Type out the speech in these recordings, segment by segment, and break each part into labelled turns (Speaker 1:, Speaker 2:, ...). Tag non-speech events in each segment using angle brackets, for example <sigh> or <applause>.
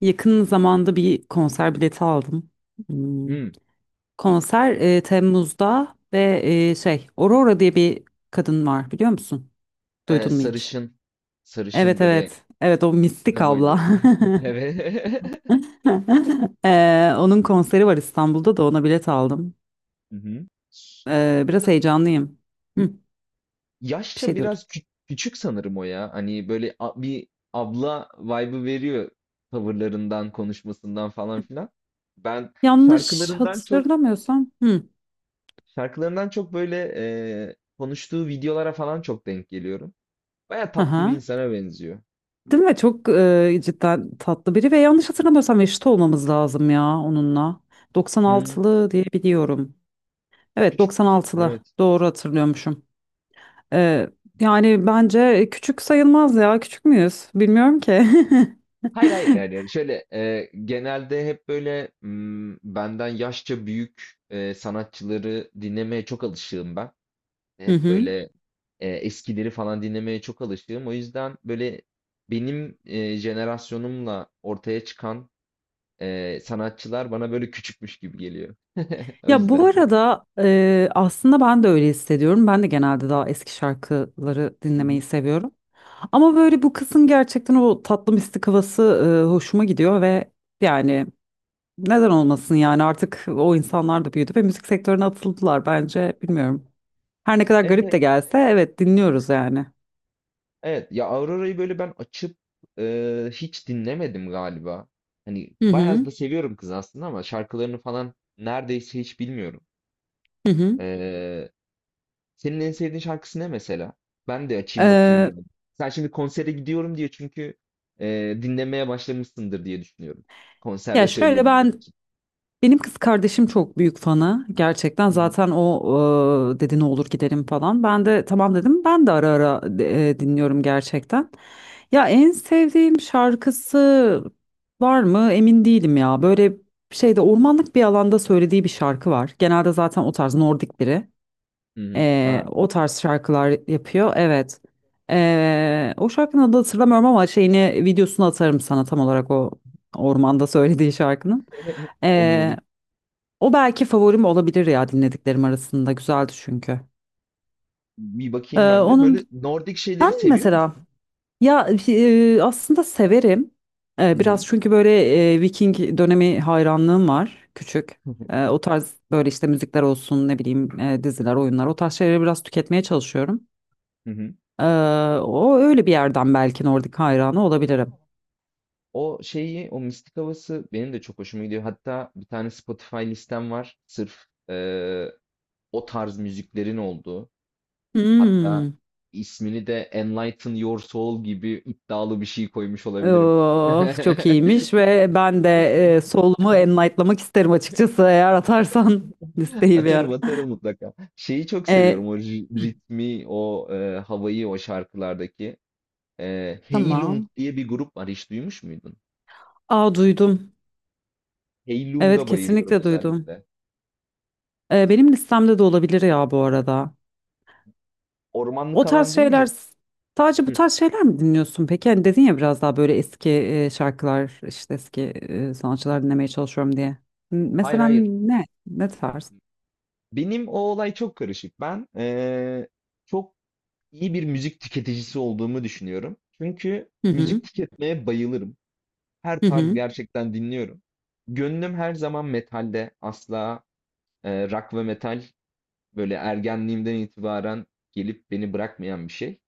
Speaker 1: Yakın zamanda bir konser bileti aldım. Hmm.
Speaker 2: Hmm.
Speaker 1: Konser Temmuz'da ve Aurora diye bir kadın var, biliyor musun?
Speaker 2: Eee,
Speaker 1: Duydun mu hiç?
Speaker 2: sarışın, sarışın
Speaker 1: Evet,
Speaker 2: böyle
Speaker 1: evet. Evet, o mistik
Speaker 2: kısa boylu.
Speaker 1: abla.
Speaker 2: <laughs> Evet.
Speaker 1: <laughs> Onun konseri var İstanbul'da, da ona bilet aldım.
Speaker 2: Hı hı. Bir de
Speaker 1: Biraz heyecanlıyım. Hı, bir
Speaker 2: yaşça
Speaker 1: şey diyordum.
Speaker 2: biraz küçük sanırım o ya. Hani böyle bir abla vibe'ı veriyor tavırlarından, konuşmasından falan filan. Ben
Speaker 1: Yanlış hatırlamıyorsam. Hı.
Speaker 2: şarkılarından çok böyle, konuştuğu videolara falan çok denk geliyorum. Baya tatlı bir
Speaker 1: Aha.
Speaker 2: insana benziyor.
Speaker 1: Değil mi? Çok cidden tatlı biri ve yanlış hatırlamıyorsam eşit olmamız lazım ya onunla.
Speaker 2: Hımm.
Speaker 1: 96'lı diye biliyorum. Evet,
Speaker 2: Küçük.
Speaker 1: 96'lı
Speaker 2: Evet.
Speaker 1: doğru hatırlıyormuşum. E, Yani bence küçük sayılmaz ya, küçük müyüz? Bilmiyorum ki. <laughs>
Speaker 2: Hayır, hayır, yani şöyle genelde hep böyle benden yaşça büyük sanatçıları dinlemeye çok alışığım ben.
Speaker 1: Hı
Speaker 2: Hep
Speaker 1: hı.
Speaker 2: böyle eskileri falan dinlemeye çok alışığım. O yüzden böyle benim jenerasyonumla ortaya çıkan sanatçılar bana böyle küçükmüş gibi geliyor. <laughs> O
Speaker 1: Ya bu
Speaker 2: yüzden.
Speaker 1: arada aslında ben de öyle hissediyorum. Ben de genelde daha eski şarkıları
Speaker 2: Hı
Speaker 1: dinlemeyi
Speaker 2: hı.
Speaker 1: seviyorum. Ama böyle bu kızın gerçekten o tatlı mistik havası hoşuma gidiyor ve yani neden olmasın? Yani artık o insanlar da büyüdü ve müzik sektörüne atıldılar, bence bilmiyorum. Her ne kadar
Speaker 2: Evet,
Speaker 1: garip
Speaker 2: evet.
Speaker 1: de gelse evet, dinliyoruz yani.
Speaker 2: Evet ya Aurora'yı böyle ben açıp hiç dinlemedim galiba. Hani
Speaker 1: Hı
Speaker 2: bayağı
Speaker 1: hı.
Speaker 2: da seviyorum kız aslında ama şarkılarını falan neredeyse hiç bilmiyorum.
Speaker 1: Hı hı.
Speaker 2: E, senin en sevdiğin şarkısı ne mesela? Ben de açayım bakayım
Speaker 1: Ee,
Speaker 2: biraz. Sen şimdi konsere gidiyorum diye çünkü dinlemeye başlamışsındır diye düşünüyorum.
Speaker 1: ya
Speaker 2: Konserde
Speaker 1: şöyle,
Speaker 2: söyleyebilmek.
Speaker 1: benim kız kardeşim çok büyük fanı gerçekten,
Speaker 2: Hı hı.
Speaker 1: zaten o dedi ne olur gidelim falan. Ben de tamam dedim, ben de ara ara dinliyorum gerçekten. Ya en sevdiğim şarkısı var mı emin değilim ya, böyle şeyde ormanlık bir alanda söylediği bir şarkı var. Genelde zaten o tarz Nordik biri.
Speaker 2: Hı hı. Ha.
Speaker 1: O tarz şarkılar yapıyor. Evet. O şarkının adını hatırlamıyorum ama şeyini, videosunu atarım sana tam olarak o ormanda söylediği şarkının.
Speaker 2: <laughs> Olur, olur.
Speaker 1: Ee, O belki favorim olabilir ya dinlediklerim arasında. Güzeldi çünkü.
Speaker 2: Bir
Speaker 1: Ee,
Speaker 2: bakayım ben de.
Speaker 1: onun
Speaker 2: Böyle Nordik şeyleri seviyor
Speaker 1: mesela
Speaker 2: musun?
Speaker 1: ya aslında severim.
Speaker 2: Hı hı.
Speaker 1: Biraz çünkü böyle Viking dönemi hayranlığım var küçük.
Speaker 2: <laughs>
Speaker 1: O tarz böyle işte müzikler olsun, ne bileyim diziler, oyunlar, o tarz şeyleri biraz tüketmeye çalışıyorum.
Speaker 2: Hı hı.
Speaker 1: Ee, O öyle bir yerden belki Nordik hayranı olabilirim.
Speaker 2: O şeyi, o mistik havası benim de çok hoşuma gidiyor. Hatta bir tane Spotify listem var. Sırf o tarz müziklerin olduğu. Hatta
Speaker 1: Hmm.
Speaker 2: ismini de Enlighten Your Soul gibi iddialı bir şey koymuş olabilirim.
Speaker 1: Of, çok
Speaker 2: <laughs>
Speaker 1: iyiymiş ve ben de solumu enlightlamak isterim açıkçası, eğer atarsan <laughs> listeyi bir
Speaker 2: Atarım
Speaker 1: ara.
Speaker 2: atarım mutlaka. Şeyi çok seviyorum.
Speaker 1: E,
Speaker 2: O
Speaker 1: hı,
Speaker 2: ritmi, o havayı o şarkılardaki. Heylung
Speaker 1: tamam.
Speaker 2: diye bir grup var. Hiç duymuş muydun?
Speaker 1: Aa, duydum. Evet,
Speaker 2: Heylung'a bayılıyorum
Speaker 1: kesinlikle duydum.
Speaker 2: özellikle.
Speaker 1: Benim listemde de olabilir ya bu arada. O
Speaker 2: Ormanlık
Speaker 1: tarz
Speaker 2: alan
Speaker 1: şeyler
Speaker 2: deyince.
Speaker 1: sadece bu
Speaker 2: Hı.
Speaker 1: tarz şeyler mi dinliyorsun peki? Hani dedin ya biraz daha böyle eski şarkılar, işte eski sanatçılar dinlemeye çalışıyorum diye.
Speaker 2: Hayır
Speaker 1: Mesela
Speaker 2: hayır.
Speaker 1: ne? Ne tarz?
Speaker 2: Benim o olay çok karışık. Ben çok iyi bir müzik tüketicisi olduğumu düşünüyorum. Çünkü
Speaker 1: Hı hı,
Speaker 2: müzik tüketmeye bayılırım. Her
Speaker 1: hı
Speaker 2: tarz
Speaker 1: hı,
Speaker 2: gerçekten dinliyorum. Gönlüm her zaman metalde. Asla rock ve metal böyle ergenliğimden itibaren gelip beni bırakmayan bir şey.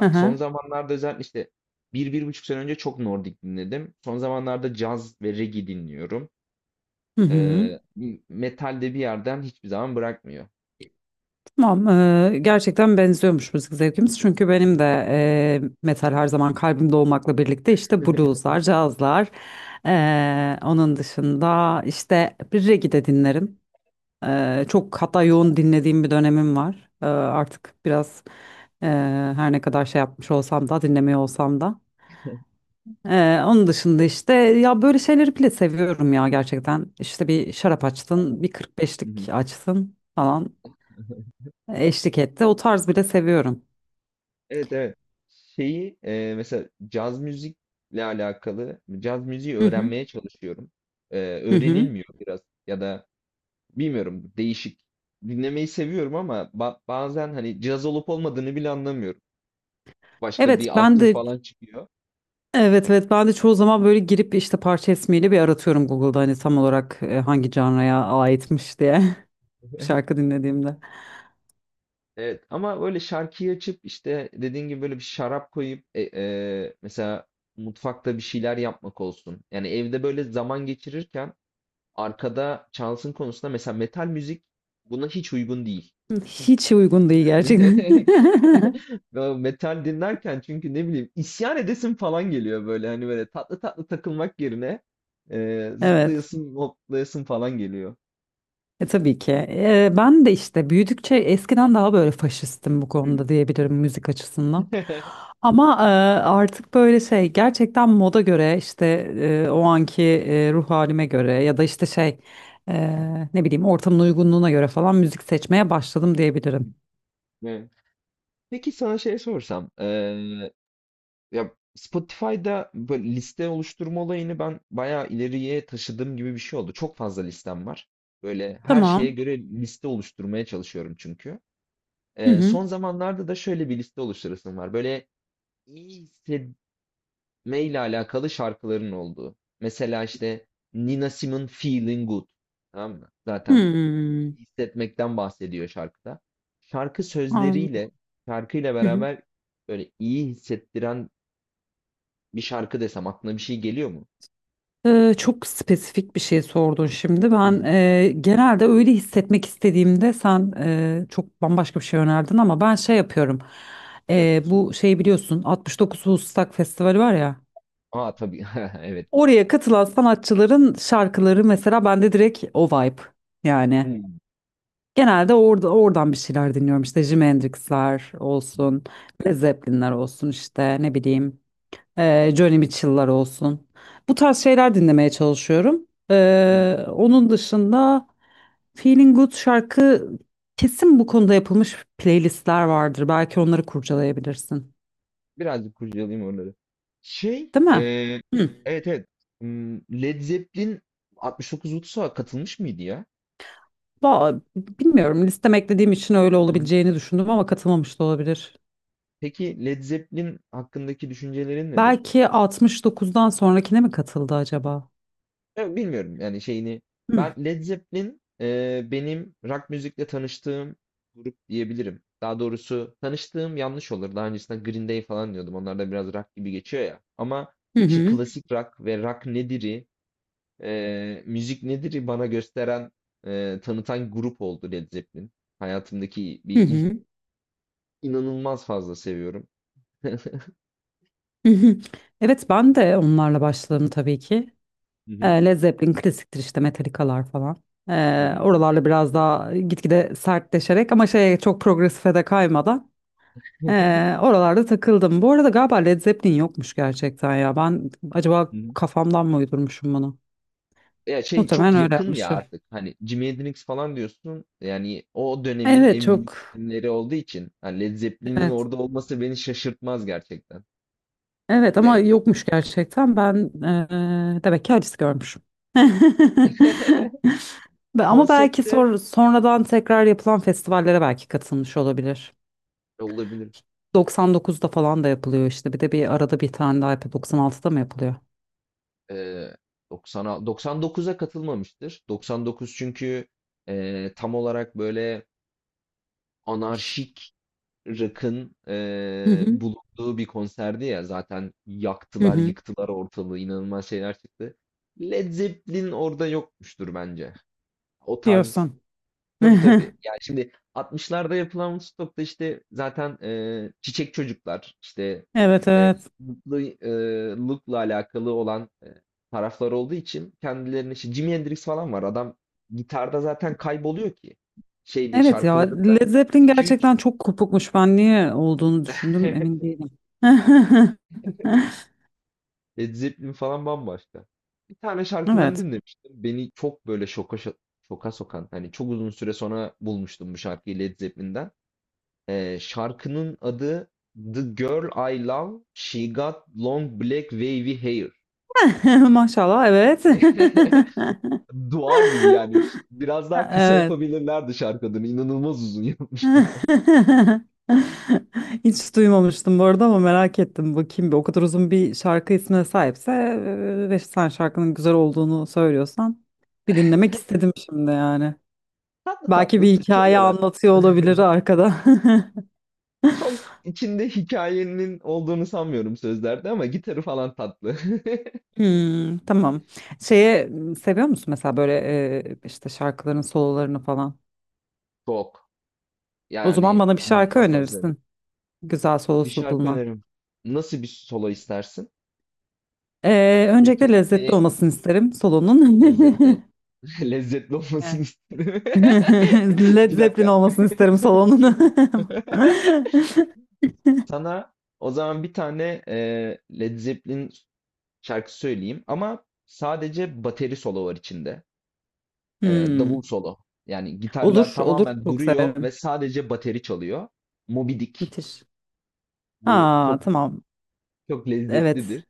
Speaker 1: hı hı.
Speaker 2: son zamanlarda özellikle işte bir, bir buçuk sene önce çok Nordik dinledim. Son zamanlarda caz ve reggae dinliyorum.
Speaker 1: Hı hı.
Speaker 2: Eee, metal de bir yerden hiçbir zaman bırakmıyor.
Speaker 1: Tamam. Gerçekten benziyormuş müzik zevkimiz. Çünkü benim de metal her zaman kalbimde olmakla birlikte işte blueslar, cazlar. Onun dışında işte bir reggae de dinlerim. Çok hatta yoğun dinlediğim bir dönemim var. Artık biraz eee, her ne kadar şey yapmış olsam da, dinlemiyor olsam da. Onun dışında işte ya böyle şeyleri bile seviyorum ya gerçekten. İşte bir şarap açtın, bir
Speaker 2: Hı
Speaker 1: 45'lik
Speaker 2: hı.
Speaker 1: açtın falan eşlik etti. O tarz bile seviyorum.
Speaker 2: Evet, evet. Şeyi mesela caz müzikle alakalı caz müziği
Speaker 1: Hı hı.
Speaker 2: öğrenmeye çalışıyorum. E,
Speaker 1: Hı hı.
Speaker 2: öğrenilmiyor biraz ya da bilmiyorum değişik. Dinlemeyi seviyorum ama bazen hani caz olup olmadığını bile anlamıyorum. Başka bir
Speaker 1: Evet
Speaker 2: alt
Speaker 1: ben
Speaker 2: tür
Speaker 1: de
Speaker 2: falan çıkıyor.
Speaker 1: evet, evet, ben de çoğu zaman böyle girip işte parça ismiyle bir aratıyorum Google'da, hani tam olarak hangi canraya aitmiş diye <laughs> bir şarkı
Speaker 2: <laughs>
Speaker 1: dinlediğimde.
Speaker 2: Evet ama böyle şarkıyı açıp işte dediğin gibi böyle bir şarap koyup mesela mutfakta bir şeyler yapmak olsun. Yani evde böyle zaman geçirirken arkada çalsın konusunda mesela metal müzik buna hiç uygun değil.
Speaker 1: Hiç uygun değil gerçekten.
Speaker 2: <laughs>
Speaker 1: <laughs>
Speaker 2: Ve metal dinlerken çünkü ne bileyim isyan edesin falan geliyor böyle hani böyle tatlı tatlı takılmak yerine
Speaker 1: Evet.
Speaker 2: zıplayasın hoplayasın falan geliyor.
Speaker 1: Tabii ki. Ben de işte büyüdükçe eskiden daha böyle faşistim bu konuda diyebilirim, müzik açısından.
Speaker 2: <laughs>
Speaker 1: Ama artık böyle şey, gerçekten moda göre, işte o anki ruh halime göre ya da işte ne bileyim ortamın uygunluğuna göre falan müzik seçmeye başladım diyebilirim.
Speaker 2: Evet. Peki sana şey sorsam, ya Spotify'da böyle liste oluşturma olayını ben bayağı ileriye taşıdığım gibi bir şey oldu. Çok fazla listem var. Böyle her şeye
Speaker 1: Tamam.
Speaker 2: göre liste oluşturmaya çalışıyorum çünkü.
Speaker 1: Hı
Speaker 2: Eee,
Speaker 1: hı.
Speaker 2: son zamanlarda da şöyle bir liste oluşturasım var. Böyle iyi hissetmeyle alakalı şarkıların olduğu. Mesela işte Nina Simone Feeling Good. Tamam mı? Zaten
Speaker 1: Hmm.
Speaker 2: iyi hissetmekten bahsediyor şarkıda. Şarkı
Speaker 1: An-
Speaker 2: sözleriyle, şarkıyla
Speaker 1: Hı hı.
Speaker 2: beraber böyle iyi hissettiren bir şarkı desem aklına bir şey geliyor mu?
Speaker 1: Çok spesifik bir şey sordun şimdi.
Speaker 2: Hı
Speaker 1: Ben
Speaker 2: hı.
Speaker 1: genelde öyle hissetmek istediğimde sen çok bambaşka bir şey önerdin ama ben şey yapıyorum.
Speaker 2: Ne yapıyorsun?
Speaker 1: Bu şeyi biliyorsun, 69 Woodstock Festivali var ya.
Speaker 2: Aa, tabii. <laughs> Evet.
Speaker 1: Oraya katılan sanatçıların şarkıları mesela bende direkt o vibe yani.
Speaker 2: Hmm.
Speaker 1: Genelde orada, oradan bir şeyler dinliyorum, işte Jimi Hendrix'ler olsun, Led Zeppelin'ler olsun, işte ne bileyim Joni Mitchell'lar olsun. Bu tarz şeyler dinlemeye çalışıyorum. Onun dışında Feeling Good şarkı, kesin bu konuda yapılmış playlistler vardır. Belki onları kurcalayabilirsin.
Speaker 2: Birazcık kurcalayayım onları. Şey,
Speaker 1: Değil mi? Hı.
Speaker 2: evet, evet. Hmm, Led Zeppelin 69 Ulus'a katılmış mıydı ya?
Speaker 1: Bilmiyorum. Listeme eklediğim için öyle
Speaker 2: Hı hı.
Speaker 1: olabileceğini düşündüm ama katılmamış da olabilir.
Speaker 2: Peki Led Zeppelin hakkındaki düşüncelerin nedir?
Speaker 1: Belki 69'dan sonrakine mi katıldı acaba?
Speaker 2: Ya, bilmiyorum yani şeyini. Ben Led Zeppelin benim rock müzikle tanıştığım grup diyebilirim. Daha doğrusu tanıştığım yanlış olur. Daha öncesinde Green Day falan diyordum. Onlar da biraz rock gibi geçiyor ya. Ama
Speaker 1: Hı
Speaker 2: işte
Speaker 1: hı.
Speaker 2: klasik rock ve rock nedir'i müzik nedir bana gösteren, tanıtan grup oldu Led Zeppelin. Hayatımdaki bir
Speaker 1: Hı
Speaker 2: ilk,
Speaker 1: hı.
Speaker 2: inanılmaz fazla seviyorum.
Speaker 1: Hı hı. Evet ben de onlarla başladım tabii ki.
Speaker 2: Hı hı.
Speaker 1: Led Zeppelin klasiktir, işte Metallica'lar falan. E,
Speaker 2: Hı hı.
Speaker 1: Oralarla biraz daha gitgide sertleşerek ama şeye, çok progresife de kaymadan
Speaker 2: <laughs>
Speaker 1: oralarda takıldım. Bu arada galiba Led Zeppelin yokmuş gerçekten ya. Ben acaba
Speaker 2: Hı hı.
Speaker 1: kafamdan mı uydurmuşum bunu?
Speaker 2: Ya şey çok
Speaker 1: Muhtemelen öyle
Speaker 2: yakın ya
Speaker 1: yapmışım.
Speaker 2: artık. Hani Jimi Hendrix falan diyorsun. Yani o dönemin
Speaker 1: Evet,
Speaker 2: en büyük
Speaker 1: çok.
Speaker 2: isimleri olduğu için hani Led Zeppelin'in
Speaker 1: Evet.
Speaker 2: orada olması beni şaşırtmaz gerçekten.
Speaker 1: Evet
Speaker 2: Ne?
Speaker 1: ama yokmuş gerçekten. Ben demek ki acısı görmüşüm. <laughs>
Speaker 2: <laughs>
Speaker 1: Ama belki
Speaker 2: Konsepte
Speaker 1: sonradan tekrar yapılan festivallere belki katılmış olabilir.
Speaker 2: olabilir.
Speaker 1: 99'da falan da yapılıyor işte. Bir de bir arada bir tane daha yapıyor. 96'da mı yapılıyor?
Speaker 2: Ee, 90'a 99'a katılmamıştır. 99 çünkü tam olarak böyle anarşik rock'ın
Speaker 1: Hı hı,
Speaker 2: bulunduğu bir konserdi ya, zaten
Speaker 1: hı
Speaker 2: yaktılar
Speaker 1: hı.
Speaker 2: yıktılar ortalığı, inanılmaz şeyler çıktı. Led Zeppelin orada yokmuştur bence. O tarz.
Speaker 1: Diyorsun.
Speaker 2: tabii
Speaker 1: <laughs>
Speaker 2: tabii. Yani şimdi 60'larda yapılan Woodstock'ta işte zaten çiçek çocuklar işte
Speaker 1: Evet,
Speaker 2: eee
Speaker 1: evet.
Speaker 2: mutlu look'la alakalı olan taraflar olduğu için kendilerine işte Jimi Hendrix falan var. Adam gitarda zaten kayboluyor ki. Şey değil
Speaker 1: Evet ya,
Speaker 2: şarkılarında
Speaker 1: Led Zeppelin
Speaker 2: 2-3.
Speaker 1: gerçekten çok kopukmuş. Ben niye olduğunu düşündüm emin
Speaker 2: <laughs>
Speaker 1: değilim. <laughs>
Speaker 2: Led Zeppelin falan bambaşka. Bir tane şarkılarını
Speaker 1: Evet.
Speaker 2: dinlemiştim. Beni çok böyle şoka sokan. Hani çok uzun süre sonra bulmuştum bu şarkıyı Led Zeppelin'den. Şarkının adı The Girl I Love, She Got Long Black Wavy Hair.
Speaker 1: <laughs> Maşallah, evet.
Speaker 2: <laughs> Dua gibi yani. Biraz
Speaker 1: <laughs>
Speaker 2: daha kısa
Speaker 1: Evet.
Speaker 2: yapabilirlerdi şarkı adını. İnanılmaz uzun
Speaker 1: <laughs>
Speaker 2: yapmışlar.
Speaker 1: Hiç duymamıştım bu arada ama merak ettim. Bakayım, bir o kadar uzun bir şarkı ismine sahipse ve sen şarkının güzel olduğunu söylüyorsan bir dinlemek istedim şimdi yani.
Speaker 2: <laughs> Tatlı
Speaker 1: Belki
Speaker 2: tatlı
Speaker 1: bir hikaye
Speaker 2: çalıyorlar.
Speaker 1: anlatıyor olabilir
Speaker 2: <laughs>
Speaker 1: arkada. <laughs>
Speaker 2: Çok içinde hikayenin olduğunu sanmıyorum sözlerde ama gitarı falan tatlı.
Speaker 1: Hmm, tamam. Seviyor musun mesela böyle işte şarkıların sololarını falan?
Speaker 2: <laughs> Çok.
Speaker 1: O zaman
Speaker 2: Yani
Speaker 1: bana bir şarkı
Speaker 2: inanılmaz hazırım.
Speaker 1: önerirsin. Güzel
Speaker 2: Bir
Speaker 1: solosu
Speaker 2: şarkı
Speaker 1: bulunan.
Speaker 2: önerim. Nasıl bir solo istersin?
Speaker 1: Öncelikle lezzetli
Speaker 2: Hareketli,
Speaker 1: olmasını isterim
Speaker 2: lezzetli.
Speaker 1: solonun. <laughs>
Speaker 2: <laughs> Lezzetli
Speaker 1: Evet.
Speaker 2: olmasını isterim.
Speaker 1: <laughs>
Speaker 2: <laughs>
Speaker 1: Led
Speaker 2: Bir
Speaker 1: Zeppelin
Speaker 2: dakika.
Speaker 1: olmasını isterim salonun. <laughs>
Speaker 2: <laughs> Sana o zaman bir tane Led Zeppelin şarkı söyleyeyim ama sadece bateri solo var içinde. E, davul
Speaker 1: Hmm.
Speaker 2: solo. Yani gitarlar
Speaker 1: Olur, olur.
Speaker 2: tamamen
Speaker 1: Çok
Speaker 2: duruyor ve
Speaker 1: severim.
Speaker 2: sadece bateri çalıyor. Moby Dick.
Speaker 1: Müthiş.
Speaker 2: Bu
Speaker 1: Ha,
Speaker 2: çok
Speaker 1: tamam.
Speaker 2: çok lezzetlidir.
Speaker 1: Evet.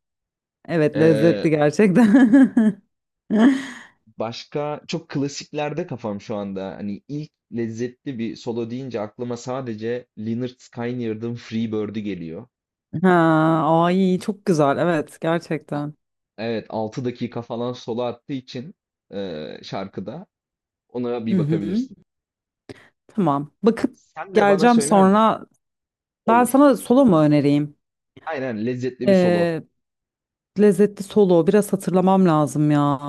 Speaker 1: Evet,
Speaker 2: E,
Speaker 1: lezzetli gerçekten. <laughs>
Speaker 2: Başka çok klasiklerde kafam şu anda. Hani ilk lezzetli bir solo deyince aklıma sadece Lynyrd Skynyrd'ın Freebird'ü geliyor.
Speaker 1: Ha, ay çok güzel. Evet, gerçekten.
Speaker 2: Evet, 6 dakika falan solo attığı için şarkıda ona
Speaker 1: Hı
Speaker 2: bir
Speaker 1: hı.
Speaker 2: bakabilirsin.
Speaker 1: Tamam. Bakıp
Speaker 2: Sen de bana
Speaker 1: geleceğim
Speaker 2: söyler misin?
Speaker 1: sonra. Ben
Speaker 2: Olur.
Speaker 1: sana solo mu önereyim?
Speaker 2: Aynen lezzetli bir solo
Speaker 1: Ee, Lezzetli solo. Biraz hatırlamam lazım ya.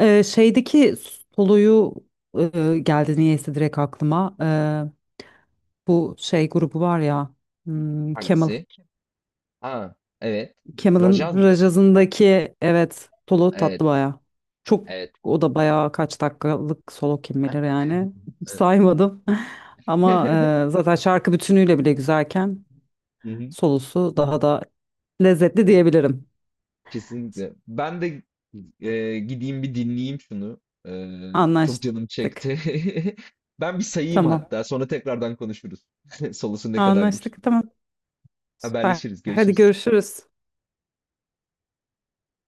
Speaker 1: Şeydeki soloyu, geldi niyeyse direkt aklıma. Bu şey grubu var ya. Hmm, Kemal.
Speaker 2: hangisi? Ha, evet.
Speaker 1: Kemal'ın
Speaker 2: Rajaz mı?
Speaker 1: Rajaz'ındaki, evet, solo tatlı
Speaker 2: Evet.
Speaker 1: baya. Çok,
Speaker 2: Evet.
Speaker 1: o da baya kaç dakikalık solo kim bilir yani. Hiç
Speaker 2: Evet.
Speaker 1: saymadım. <laughs> Ama
Speaker 2: <laughs>
Speaker 1: zaten şarkı bütünüyle bile güzelken
Speaker 2: Hı hı.
Speaker 1: solosu daha da lezzetli diyebilirim.
Speaker 2: Kesinlikle. Ben de, gideyim bir dinleyeyim şunu. Eee, çok canım
Speaker 1: Anlaştık.
Speaker 2: çekti. <laughs> Ben bir sayayım
Speaker 1: Tamam.
Speaker 2: hatta, sonra tekrardan konuşuruz. <laughs> Solusu ne kadarmış?
Speaker 1: Anlaştık. Tamam. Süper.
Speaker 2: Haberleşiriz,
Speaker 1: Hadi
Speaker 2: görüşürüz.
Speaker 1: görüşürüz.